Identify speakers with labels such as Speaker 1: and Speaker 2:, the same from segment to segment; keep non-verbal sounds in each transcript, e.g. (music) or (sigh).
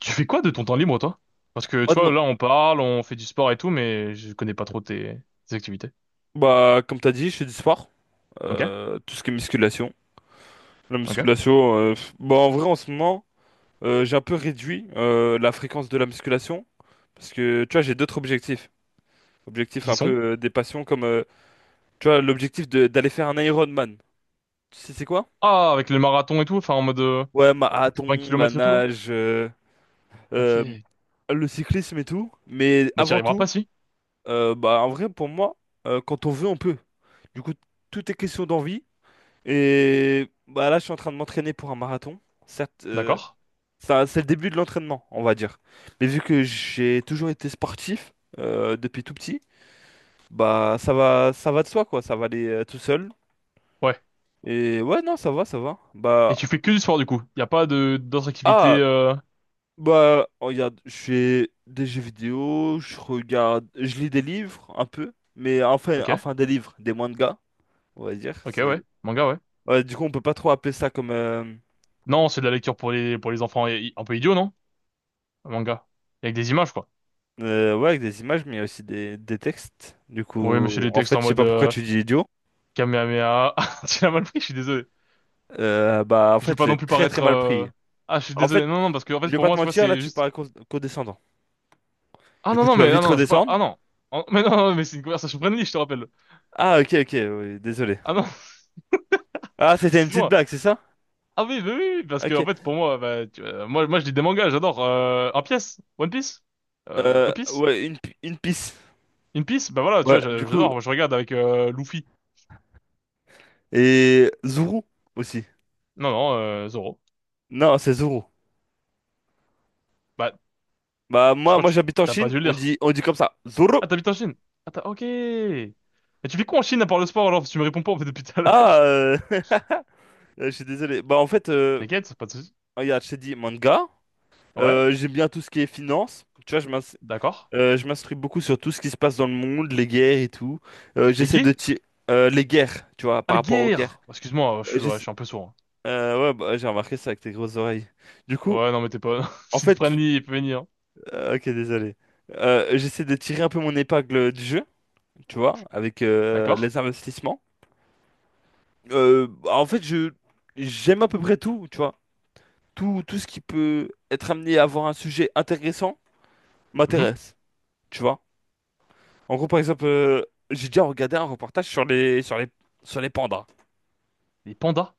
Speaker 1: Tu fais quoi de ton temps libre, toi? Parce que,
Speaker 2: Moi,
Speaker 1: tu vois, là, on parle, on fait du sport et tout, mais je connais pas trop tes activités.
Speaker 2: bah, comme t'as dit, je fais du sport.
Speaker 1: Ok?
Speaker 2: Tout ce qui est musculation. La
Speaker 1: Ok?
Speaker 2: musculation, bah, en vrai, en ce moment, j'ai un peu réduit la fréquence de la musculation. Parce que, tu vois, j'ai d'autres objectifs. Objectifs
Speaker 1: Qui
Speaker 2: un peu
Speaker 1: sont?
Speaker 2: des passions, comme, tu vois, l'objectif d'aller faire un Ironman. Tu sais, c'est quoi?
Speaker 1: Ah, avec le marathon et tout, enfin, en mode,
Speaker 2: Ouais,
Speaker 1: pour 20
Speaker 2: marathon, la
Speaker 1: km et tout, là?
Speaker 2: nage, euh,
Speaker 1: Ok.
Speaker 2: le cyclisme et tout. Mais
Speaker 1: Bah, t'y
Speaker 2: avant
Speaker 1: arriveras pas,
Speaker 2: tout,
Speaker 1: si.
Speaker 2: bah, en vrai, pour moi, quand on veut, on peut. Du coup, tout est question d'envie. Et bah là, je suis en train de m'entraîner pour un marathon. Certes,
Speaker 1: D'accord?
Speaker 2: ça, c'est le début de l'entraînement, on va dire. Mais vu que j'ai toujours été sportif depuis tout petit, bah ça va de soi quoi. Ça va aller tout seul.
Speaker 1: Ouais.
Speaker 2: Et ouais, non, ça va, ça va. Bah
Speaker 1: Et tu fais que du sport, du coup. Y a pas d'autres activités,
Speaker 2: ah
Speaker 1: euh...
Speaker 2: bah oh, regarde, je fais des jeux vidéo, je regarde, je lis des livres un peu, mais enfin,
Speaker 1: Ok?
Speaker 2: des livres, des mangas, on va dire.
Speaker 1: Ok, ouais.
Speaker 2: C'est
Speaker 1: Manga, ouais.
Speaker 2: ouais, du coup, on peut pas trop appeler ça comme
Speaker 1: Non, c'est de la lecture pour les enfants. Un peu idiot, non? Un manga. Avec des images, quoi.
Speaker 2: Ouais, avec des images, mais il y a aussi des, textes. Du
Speaker 1: Oui, mais c'est
Speaker 2: coup,
Speaker 1: les
Speaker 2: en
Speaker 1: textes
Speaker 2: fait,
Speaker 1: en
Speaker 2: je sais
Speaker 1: mode,
Speaker 2: pas pourquoi tu dis idiot.
Speaker 1: Kamehameha. (laughs) Tu l'as mal pris, je suis désolé.
Speaker 2: Bah, en
Speaker 1: Je vais
Speaker 2: fait,
Speaker 1: pas
Speaker 2: je l'ai
Speaker 1: non plus
Speaker 2: très très
Speaker 1: paraître.
Speaker 2: mal
Speaker 1: euh,
Speaker 2: pris.
Speaker 1: Ah, je suis
Speaker 2: En
Speaker 1: désolé.
Speaker 2: fait,
Speaker 1: Non, non, parce que en
Speaker 2: je
Speaker 1: fait,
Speaker 2: vais
Speaker 1: pour
Speaker 2: pas
Speaker 1: moi,
Speaker 2: te
Speaker 1: tu vois,
Speaker 2: mentir, là,
Speaker 1: c'est
Speaker 2: tu
Speaker 1: juste.
Speaker 2: parles condescendant.
Speaker 1: Ah
Speaker 2: Du
Speaker 1: non,
Speaker 2: coup,
Speaker 1: non,
Speaker 2: tu vas
Speaker 1: mais ah,
Speaker 2: vite
Speaker 1: non, je veux pas.
Speaker 2: redescendre.
Speaker 1: Ah non. Ah, (laughs) mais non, non, mais c'est une conversation friendly, je te rappelle.
Speaker 2: Ah, ok, ok, oui, désolé.
Speaker 1: Ah non,
Speaker 2: Ah,
Speaker 1: (laughs)
Speaker 2: c'était une petite
Speaker 1: excuse-moi.
Speaker 2: blague, c'est ça?
Speaker 1: Ah oui, oui, oui, oui, parce que en
Speaker 2: Ok.
Speaker 1: fait, pour moi, bah, je lis des mangas, j'adore. Un pièce, One Piece, A Piece,
Speaker 2: Ouais, une pisse.
Speaker 1: Une Piece. Bah voilà, tu vois,
Speaker 2: Ouais, du
Speaker 1: j'a-
Speaker 2: coup.
Speaker 1: j'adore. Moi, je regarde avec Luffy.
Speaker 2: Et Zuru aussi.
Speaker 1: Non, non, Zoro.
Speaker 2: Non, c'est Zuru.
Speaker 1: Bah,
Speaker 2: Bah,
Speaker 1: je
Speaker 2: moi,
Speaker 1: crois
Speaker 2: moi
Speaker 1: que tu
Speaker 2: j'habite en
Speaker 1: t'as pas
Speaker 2: Chine,
Speaker 1: dû le lire.
Speaker 2: on dit comme ça. Zuru.
Speaker 1: Ah, t'habites en Chine. Ok. Mais tu fais quoi en Chine à part le sport alors? Parce que tu me réponds pas en fait depuis tout à l'heure.
Speaker 2: Ah, (laughs) je suis désolé. Bah, en fait,
Speaker 1: (laughs) T'inquiète, pas de soucis.
Speaker 2: regarde, je t'ai dit manga.
Speaker 1: Ouais,
Speaker 2: J'aime bien tout ce qui est finance. Tu vois,
Speaker 1: d'accord.
Speaker 2: je m'instruis beaucoup sur tout ce qui se passe dans le monde, les guerres et tout.
Speaker 1: Mais
Speaker 2: J'essaie de
Speaker 1: gay?
Speaker 2: tirer les guerres, tu vois,
Speaker 1: Ah,
Speaker 2: par
Speaker 1: le
Speaker 2: rapport aux guerres.
Speaker 1: guerre! Excuse-moi, je
Speaker 2: Euh,
Speaker 1: suis, ouais, je
Speaker 2: j'essa-
Speaker 1: suis un peu sourd.
Speaker 2: ouais, bah, j'ai remarqué ça avec tes grosses oreilles. Du
Speaker 1: Hein.
Speaker 2: coup,
Speaker 1: Ouais, non, mais t'es pas... (laughs)
Speaker 2: en
Speaker 1: S'il te
Speaker 2: fait,
Speaker 1: prennent, il peut venir. Hein.
Speaker 2: ok, désolé. J'essaie de tirer un peu mon épingle du jeu, tu vois, avec
Speaker 1: D'accord.
Speaker 2: les investissements. Bah, en fait, je j'aime à peu près tout, tu vois. Tout ce qui peut être amené à avoir un sujet intéressant
Speaker 1: Mhm.
Speaker 2: m'intéresse, tu vois. En gros, par exemple, j'ai déjà regardé un reportage sur les pandas.
Speaker 1: Les pandas.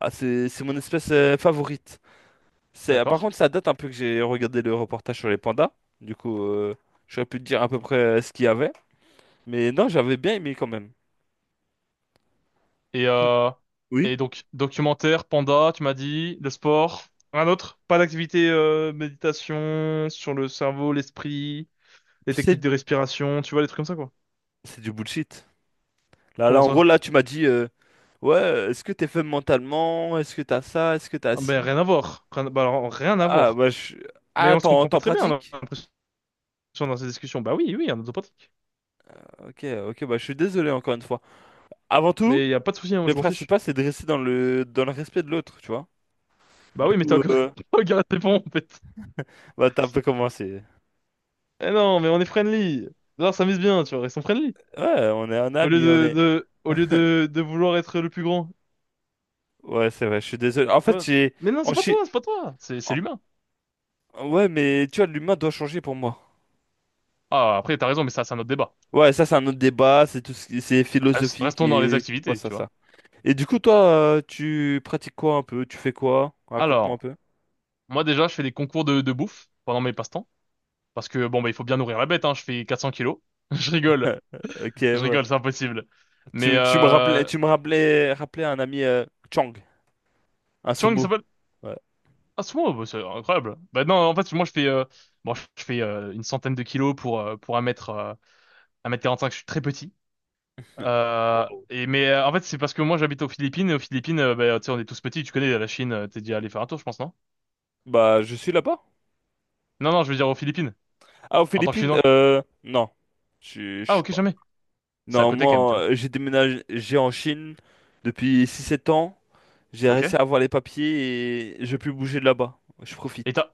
Speaker 2: Ah, c'est mon espèce favorite. C'est,
Speaker 1: D'accord.
Speaker 2: par contre, ça date un peu que j'ai regardé le reportage sur les pandas. Du coup, j'aurais pu te dire à peu près ce qu'il y avait. Mais non, j'avais bien aimé quand même.
Speaker 1: Et,
Speaker 2: Tout-
Speaker 1: euh...
Speaker 2: Oui?
Speaker 1: Et donc, documentaire, panda, tu m'as dit, le sport. Un autre? Pas d'activité, méditation sur le cerveau, l'esprit, les techniques
Speaker 2: C'est,
Speaker 1: de respiration, tu vois, les trucs comme ça, quoi.
Speaker 2: c'est du bullshit. Là,
Speaker 1: Comment
Speaker 2: là, en gros,
Speaker 1: ça?
Speaker 2: là, tu m'as dit, ouais, est-ce que t'es faible mentalement? Est-ce que t'as ça? Est-ce que t'as
Speaker 1: Ah, ben,
Speaker 2: ci?
Speaker 1: rien à voir. Rien, bah, alors, rien à
Speaker 2: Ah,
Speaker 1: voir.
Speaker 2: bah, je.
Speaker 1: Mais
Speaker 2: Ah,
Speaker 1: on se comprend pas
Speaker 2: t'en
Speaker 1: très bien, on a
Speaker 2: pratiques?
Speaker 1: l'impression, dans ces discussions. Bah oui, oui, un autopratique.
Speaker 2: Ok, ok, bah, je suis désolé encore une fois. Avant tout.
Speaker 1: Mais y a pas de souci, hein,
Speaker 2: Le
Speaker 1: je m'en fiche.
Speaker 2: principal, c'est de rester dans le respect de l'autre, tu vois.
Speaker 1: Bah
Speaker 2: Du
Speaker 1: oui, mais t'as
Speaker 2: coup,
Speaker 1: encore... (laughs) Regarde, c'est bon, (laughs) en fait.
Speaker 2: bah, t'as un peu commencé.
Speaker 1: Eh non, mais on est friendly. Alors ça mise bien, tu vois, ils sont friendly.
Speaker 2: Ouais, on est un
Speaker 1: Au lieu
Speaker 2: ami, on
Speaker 1: de,
Speaker 2: est.
Speaker 1: de, au lieu de, de vouloir être le plus grand.
Speaker 2: Ouais, c'est vrai, je suis désolé. En fait,
Speaker 1: Ouais.
Speaker 2: j'ai.
Speaker 1: Mais non,
Speaker 2: En
Speaker 1: c'est pas toi,
Speaker 2: chi-
Speaker 1: c'est pas toi. C'est
Speaker 2: en-
Speaker 1: l'humain.
Speaker 2: Ouais, mais tu vois, l'humain doit changer pour moi.
Speaker 1: Ah, après, t'as raison, mais ça, c'est un autre débat.
Speaker 2: Ouais, ça, c'est un autre débat, c'est tout ce qui- c'est philosophique
Speaker 1: Restons dans les
Speaker 2: et. Ouais,
Speaker 1: activités,
Speaker 2: ça,
Speaker 1: tu
Speaker 2: ça.
Speaker 1: vois.
Speaker 2: Et du coup, toi, tu pratiques quoi un peu? Tu fais quoi? Raconte-moi un
Speaker 1: Alors,
Speaker 2: peu.
Speaker 1: moi, déjà, je fais des concours de bouffe pendant mes passe-temps. Parce que, bon, bah, il faut bien nourrir la bête, hein. Je fais 400 kilos. (laughs) Je rigole.
Speaker 2: Ok,
Speaker 1: Je
Speaker 2: ouais.
Speaker 1: rigole, c'est impossible. Mais,
Speaker 2: Tu, tu me rappelais, tu me rappelais, rappelais un ami Chang, un
Speaker 1: Chang, il
Speaker 2: sumo.
Speaker 1: s'appelle...
Speaker 2: Ouais.
Speaker 1: Ah, c'est moi, bah, c'est incroyable. Bah, non, en fait, moi, je fais, bon, je fais, une centaine de kilos pour un mètre quarante cinq. Je suis très petit.
Speaker 2: (laughs)
Speaker 1: Euh,
Speaker 2: Wow.
Speaker 1: et mais euh, en fait, c'est parce que moi j'habite aux Philippines. Et aux Philippines, bah, tu sais, on est tous petits. Tu connais la Chine, t'es déjà allé faire un tour, je pense, non?
Speaker 2: Bah, je suis là-bas.
Speaker 1: Non, non, je veux dire aux Philippines,
Speaker 2: Ah, aux
Speaker 1: en tant que
Speaker 2: Philippines,
Speaker 1: Chinois.
Speaker 2: non. Je
Speaker 1: Ah,
Speaker 2: suis
Speaker 1: ok,
Speaker 2: pas.
Speaker 1: jamais. C'est à
Speaker 2: Non,
Speaker 1: côté quand même, tu
Speaker 2: moi,
Speaker 1: vois.
Speaker 2: j'ai déménagé j'ai en Chine depuis six sept ans. J'ai
Speaker 1: Ok.
Speaker 2: réussi à avoir les papiers et je peux bouger de là-bas. Je profite.
Speaker 1: Et t'as...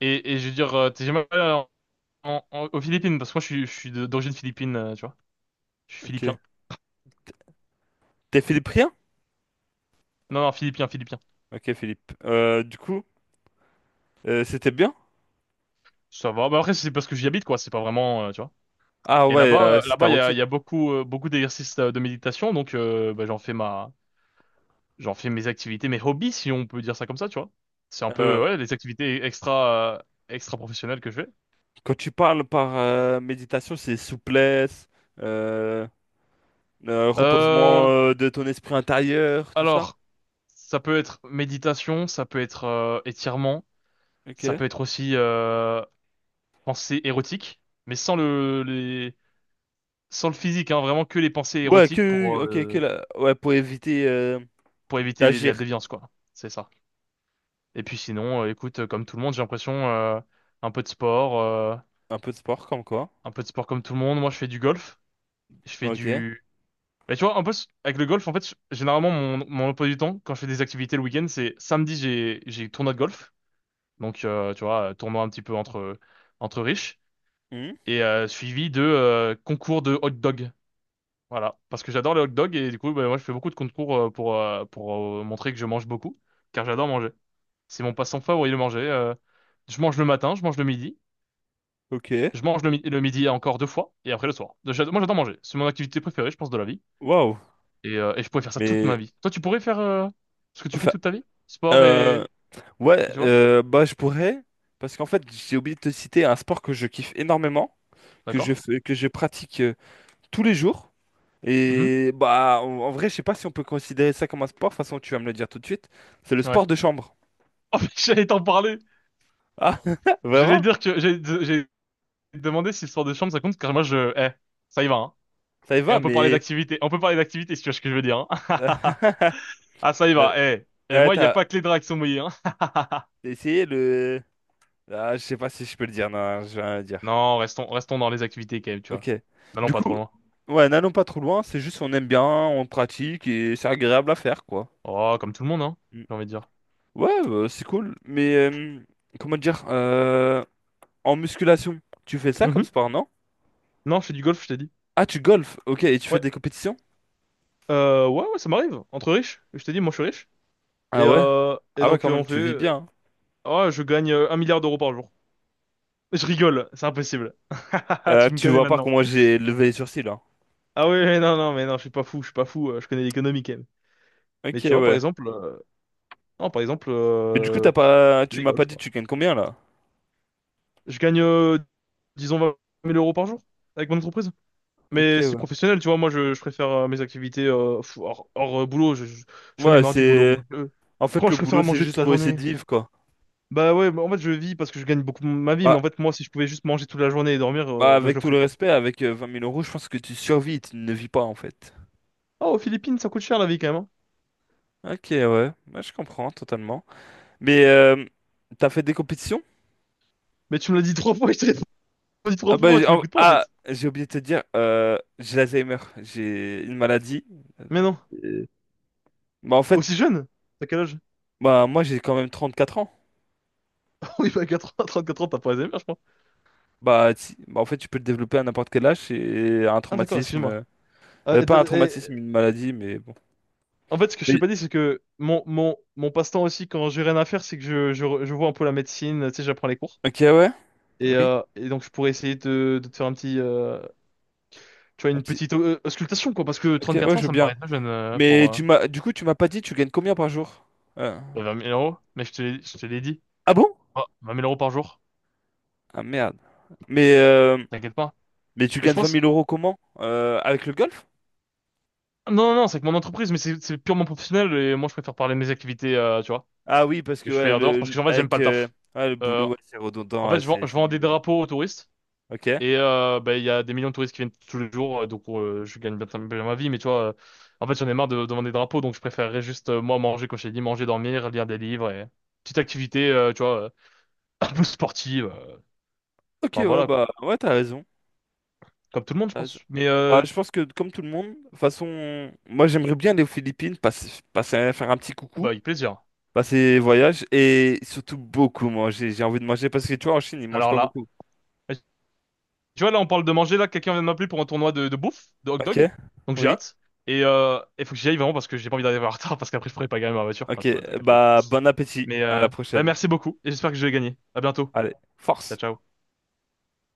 Speaker 1: Et je veux dire, t'es jamais allé aux Philippines, parce que moi, je suis d'origine philippine, tu vois. Je suis
Speaker 2: Ok.
Speaker 1: philippien.
Speaker 2: T'es philippien?
Speaker 1: Non, non, philippien, philippien.
Speaker 2: Ok, Philippe. Du coup, c'était bien?
Speaker 1: Ça va. Bah, après, c'est parce que j'y habite, quoi. C'est pas vraiment, tu vois.
Speaker 2: Ah
Speaker 1: Et
Speaker 2: ouais,
Speaker 1: là-bas euh,
Speaker 2: c'est ta
Speaker 1: là-bas il y a, il y
Speaker 2: routine.
Speaker 1: a beaucoup d'exercices, de méditation. Donc, bah, j'en fais mes activités, mes hobbies, si on peut dire ça comme ça, tu vois. C'est un peu,
Speaker 2: Euh,
Speaker 1: ouais, les activités extra professionnelles que je fais.
Speaker 2: Quand tu parles par méditation, c'est souplesse, euh, reposement
Speaker 1: Euh,
Speaker 2: de ton esprit intérieur, tout ça.
Speaker 1: alors, ça peut être méditation, ça peut être étirement,
Speaker 2: Ok.
Speaker 1: ça peut être aussi pensée érotique, mais sans le physique, hein, vraiment que les pensées
Speaker 2: Ouais,
Speaker 1: érotiques
Speaker 2: que,
Speaker 1: pour,
Speaker 2: ok,
Speaker 1: euh,
Speaker 2: ouais, pour éviter
Speaker 1: pour éviter la
Speaker 2: d'agir.
Speaker 1: déviance, quoi. C'est ça. Et puis sinon, écoute, comme tout le monde, j'ai l'impression, un peu de sport,
Speaker 2: Un peu de sport, comme quoi.
Speaker 1: un peu de sport comme tout le monde. Moi, je fais du golf, je fais
Speaker 2: Ok.
Speaker 1: du Mais tu vois, en plus, avec le golf, en fait, généralement, mon emploi du temps, quand je fais des activités le week-end, c'est samedi, j'ai tournoi de golf. Donc, tu vois, tournoi un petit peu entre riches.
Speaker 2: Hmm.
Speaker 1: Et suivi de concours de hot dog. Voilà. Parce que j'adore les hot dogs et du coup, bah, moi, je fais beaucoup de concours pour montrer que je mange beaucoup. Car j'adore manger. C'est mon passe-temps favori, le manger. Je mange le matin, je mange le midi.
Speaker 2: Ok.
Speaker 1: Je mange le midi encore deux fois et après le soir. Moi, j'adore manger. C'est mon activité préférée, je pense, de la vie.
Speaker 2: Waouh.
Speaker 1: Et je pourrais faire ça toute ma
Speaker 2: Mais,
Speaker 1: vie. Toi, tu pourrais faire ce que tu fais
Speaker 2: enfin,
Speaker 1: toute ta vie? Sport et...
Speaker 2: euh, ouais,
Speaker 1: et tu vois?
Speaker 2: bah, je pourrais, parce qu'en fait, j'ai oublié de te citer un sport que je kiffe énormément, que je
Speaker 1: D'accord?
Speaker 2: fais, que je pratique tous les jours.
Speaker 1: Mhm.
Speaker 2: Et, bah, en vrai, je sais pas si on peut considérer ça comme un sport, de toute façon, tu vas me le dire tout de suite. C'est le
Speaker 1: Ouais.
Speaker 2: sport de
Speaker 1: (laughs)
Speaker 2: chambre.
Speaker 1: Oh, mais j'allais t'en parler!
Speaker 2: Ah, (laughs)
Speaker 1: J'allais
Speaker 2: vraiment?
Speaker 1: dire que j'ai demandé si le sport de chambre ça compte, car moi je... Eh, ça y va, hein.
Speaker 2: Ça y
Speaker 1: Et
Speaker 2: va,
Speaker 1: on peut parler
Speaker 2: mais.
Speaker 1: d'activité. On peut parler d'activité si tu vois ce que je veux dire, hein.
Speaker 2: (laughs)
Speaker 1: (laughs) Ah, ça y
Speaker 2: Euh,
Speaker 1: va, eh. Et moi, il n'y a
Speaker 2: t'as
Speaker 1: pas que les draps qui sont mouillés, hein.
Speaker 2: essayé le. Ah, je sais pas si je peux le dire, non, je vais rien dire.
Speaker 1: Non, restons dans les activités quand même, tu vois.
Speaker 2: Ok.
Speaker 1: N'allons
Speaker 2: Du
Speaker 1: pas trop
Speaker 2: coup,
Speaker 1: loin.
Speaker 2: ouais, n'allons pas trop loin, c'est juste on aime bien, on pratique et c'est agréable à faire, quoi.
Speaker 1: Oh, comme tout le monde, hein,
Speaker 2: Mm.
Speaker 1: j'ai envie de dire.
Speaker 2: Ouais, bah, c'est cool, mais comment dire, en musculation, tu fais ça comme
Speaker 1: Mhm.
Speaker 2: sport, non?
Speaker 1: Non, je fais du golf, je t'ai dit.
Speaker 2: Ah, tu golfes, ok, et tu fais
Speaker 1: Ouais.
Speaker 2: des compétitions?
Speaker 1: Ouais, ouais, ça m'arrive. Entre riches. Je t'ai dit, moi, je suis riche. Et,
Speaker 2: Ah ouais?
Speaker 1: euh, et
Speaker 2: Ah ouais,
Speaker 1: donc,
Speaker 2: quand
Speaker 1: on
Speaker 2: même,
Speaker 1: fait,
Speaker 2: tu vis bien, hein.
Speaker 1: oh, je gagne 1 milliard d'euros par jour. Je rigole, c'est impossible. (laughs) Tu me
Speaker 2: Tu
Speaker 1: connais
Speaker 2: vois pas
Speaker 1: maintenant.
Speaker 2: comment j'ai levé les sourcils, là.
Speaker 1: Ah oui, oui, non, non, mais non, je suis pas fou, je suis pas fou, je connais l'économie quand même. Mais
Speaker 2: Ok,
Speaker 1: tu vois, par
Speaker 2: ouais.
Speaker 1: exemple, non, par exemple,
Speaker 2: Mais du coup, t'as pas,
Speaker 1: c'est
Speaker 2: tu
Speaker 1: des
Speaker 2: m'as pas
Speaker 1: golfs,
Speaker 2: dit tu
Speaker 1: quoi.
Speaker 2: gagnes combien, là?
Speaker 1: Je gagne, disons, 20 000 euros par jour avec mon entreprise.
Speaker 2: Ok,
Speaker 1: Mais c'est
Speaker 2: ouais.
Speaker 1: professionnel, tu vois, moi, je préfère mes activités hors boulot, j'en ai
Speaker 2: Ouais,
Speaker 1: marre du boulot,
Speaker 2: c'est,
Speaker 1: moi.
Speaker 2: en fait,
Speaker 1: Franchement, je
Speaker 2: le boulot,
Speaker 1: préfère
Speaker 2: c'est
Speaker 1: manger toute
Speaker 2: juste
Speaker 1: la
Speaker 2: pour essayer
Speaker 1: journée.
Speaker 2: de vivre, quoi.
Speaker 1: Bah ouais, bah en fait, je vis parce que je gagne beaucoup ma vie,
Speaker 2: Bah,
Speaker 1: mais en fait, moi, si je pouvais juste manger toute la journée et dormir,
Speaker 2: Bah,
Speaker 1: bah je
Speaker 2: avec
Speaker 1: le
Speaker 2: tout
Speaker 1: ferais
Speaker 2: le
Speaker 1: quoi.
Speaker 2: respect, avec 20 000 euros, je pense que tu survis, tu ne vis pas en fait.
Speaker 1: Oh, aux Philippines, ça coûte cher la vie quand même, hein.
Speaker 2: Ok, ouais, bah, je comprends totalement. Mais t'as fait des compétitions?
Speaker 1: Mais tu me l'as dit trois fois, (laughs) je te l'ai (laughs) dit
Speaker 2: Ah
Speaker 1: trois
Speaker 2: bah,
Speaker 1: fois,
Speaker 2: j'ai
Speaker 1: tu
Speaker 2: oh,
Speaker 1: m'écoutes pas en
Speaker 2: ah,
Speaker 1: fait.
Speaker 2: j'ai oublié de te dire, j'ai l'Alzheimer, j'ai une maladie.
Speaker 1: Mais non.
Speaker 2: Euh, Bah en fait,
Speaker 1: Aussi jeune? T'as quel âge?
Speaker 2: bah moi j'ai quand même 34 ans.
Speaker 1: (laughs) Oui, bah 80, 34 ans, t'as pas Alzheimer, je crois.
Speaker 2: Bah, bah, en fait, tu peux le développer à n'importe quel âge et un
Speaker 1: Ah d'accord,
Speaker 2: traumatisme,
Speaker 1: excuse-moi. Euh, et d-
Speaker 2: pas un
Speaker 1: et-
Speaker 2: traumatisme, une maladie, mais bon.
Speaker 1: en fait, ce que je t'ai
Speaker 2: Oui.
Speaker 1: pas dit, c'est que mon passe-temps aussi, quand j'ai rien à faire, c'est que je vois un peu la médecine, tu sais, j'apprends les cours.
Speaker 2: Ok, ouais,
Speaker 1: Et,
Speaker 2: oui.
Speaker 1: euh, et donc, je pourrais essayer de te faire un petit, tu vois,
Speaker 2: Un
Speaker 1: une
Speaker 2: petit.
Speaker 1: petite auscultation, quoi, parce que
Speaker 2: Ok, ouais,
Speaker 1: 34
Speaker 2: je
Speaker 1: ans,
Speaker 2: veux
Speaker 1: ça me
Speaker 2: bien.
Speaker 1: paraît très jeune euh, pour,
Speaker 2: Mais
Speaker 1: euh,
Speaker 2: tu m'as, du coup, tu m'as pas dit, tu gagnes combien par jour? Euh,
Speaker 1: Euh, 20 000 euros, mais je je te l'ai dit.
Speaker 2: Ah bon?
Speaker 1: Oh, 20 000 euros par jour,
Speaker 2: Ah merde. Mais, euh,
Speaker 1: t'inquiète pas.
Speaker 2: mais tu
Speaker 1: Mais je
Speaker 2: gagnes vingt
Speaker 1: pense...
Speaker 2: mille euros comment? Avec le golf?
Speaker 1: Non, non, non, c'est que mon entreprise, mais c'est purement professionnel et moi je préfère parler de mes activités, tu vois,
Speaker 2: Ah oui, parce
Speaker 1: que
Speaker 2: que
Speaker 1: je fais
Speaker 2: ouais,
Speaker 1: en dehors parce que en fait j'aime pas
Speaker 2: avec,
Speaker 1: le taf.
Speaker 2: ouais, le
Speaker 1: Euh,
Speaker 2: boulot, ouais, c'est
Speaker 1: en
Speaker 2: redondant, ouais,
Speaker 1: fait, je vends, je
Speaker 2: c'est
Speaker 1: vends des
Speaker 2: nul, ouais.
Speaker 1: drapeaux aux touristes
Speaker 2: Ok.
Speaker 1: et bah, il y a des millions de touristes qui viennent tous les jours, donc je gagne bien, bien ma vie, mais tu vois, en fait j'en ai marre de vendre des drapeaux, donc je préférerais juste, moi, manger, comme je t'ai dit, manger, dormir, lire des livres et petite activité, tu vois, (laughs) un peu sportive.
Speaker 2: Ok,
Speaker 1: Enfin
Speaker 2: ouais,
Speaker 1: voilà quoi,
Speaker 2: bah ouais, t'as raison.
Speaker 1: comme tout le monde, je
Speaker 2: T'as raison.
Speaker 1: pense. Mais
Speaker 2: Bah, je pense que comme tout le monde, de toute façon, moi j'aimerais bien aller aux Philippines, passer, faire un petit
Speaker 1: oh,
Speaker 2: coucou,
Speaker 1: bah, avec plaisir.
Speaker 2: passer voyage et surtout beaucoup manger. J'ai envie de manger parce que tu vois, en Chine, ils mangent
Speaker 1: Alors
Speaker 2: pas
Speaker 1: là,
Speaker 2: beaucoup.
Speaker 1: tu vois, là, on parle de manger. Là, quelqu'un vient de m'appeler pour un tournoi de bouffe, de hot
Speaker 2: Ok?
Speaker 1: dog. Donc j'ai
Speaker 2: Oui?
Speaker 1: hâte. Et il faut que j'y aille vraiment parce que j'ai pas envie d'arriver en retard parce qu'après, je pourrais pas gagner ma voiture. Enfin,
Speaker 2: Ok,
Speaker 1: tu vois, t'as capté quoi.
Speaker 2: bah bon appétit,
Speaker 1: Mais
Speaker 2: à la
Speaker 1: bah,
Speaker 2: prochaine.
Speaker 1: merci beaucoup et j'espère que je vais gagner. À bientôt.
Speaker 2: Allez,
Speaker 1: Ciao,
Speaker 2: force!
Speaker 1: ciao.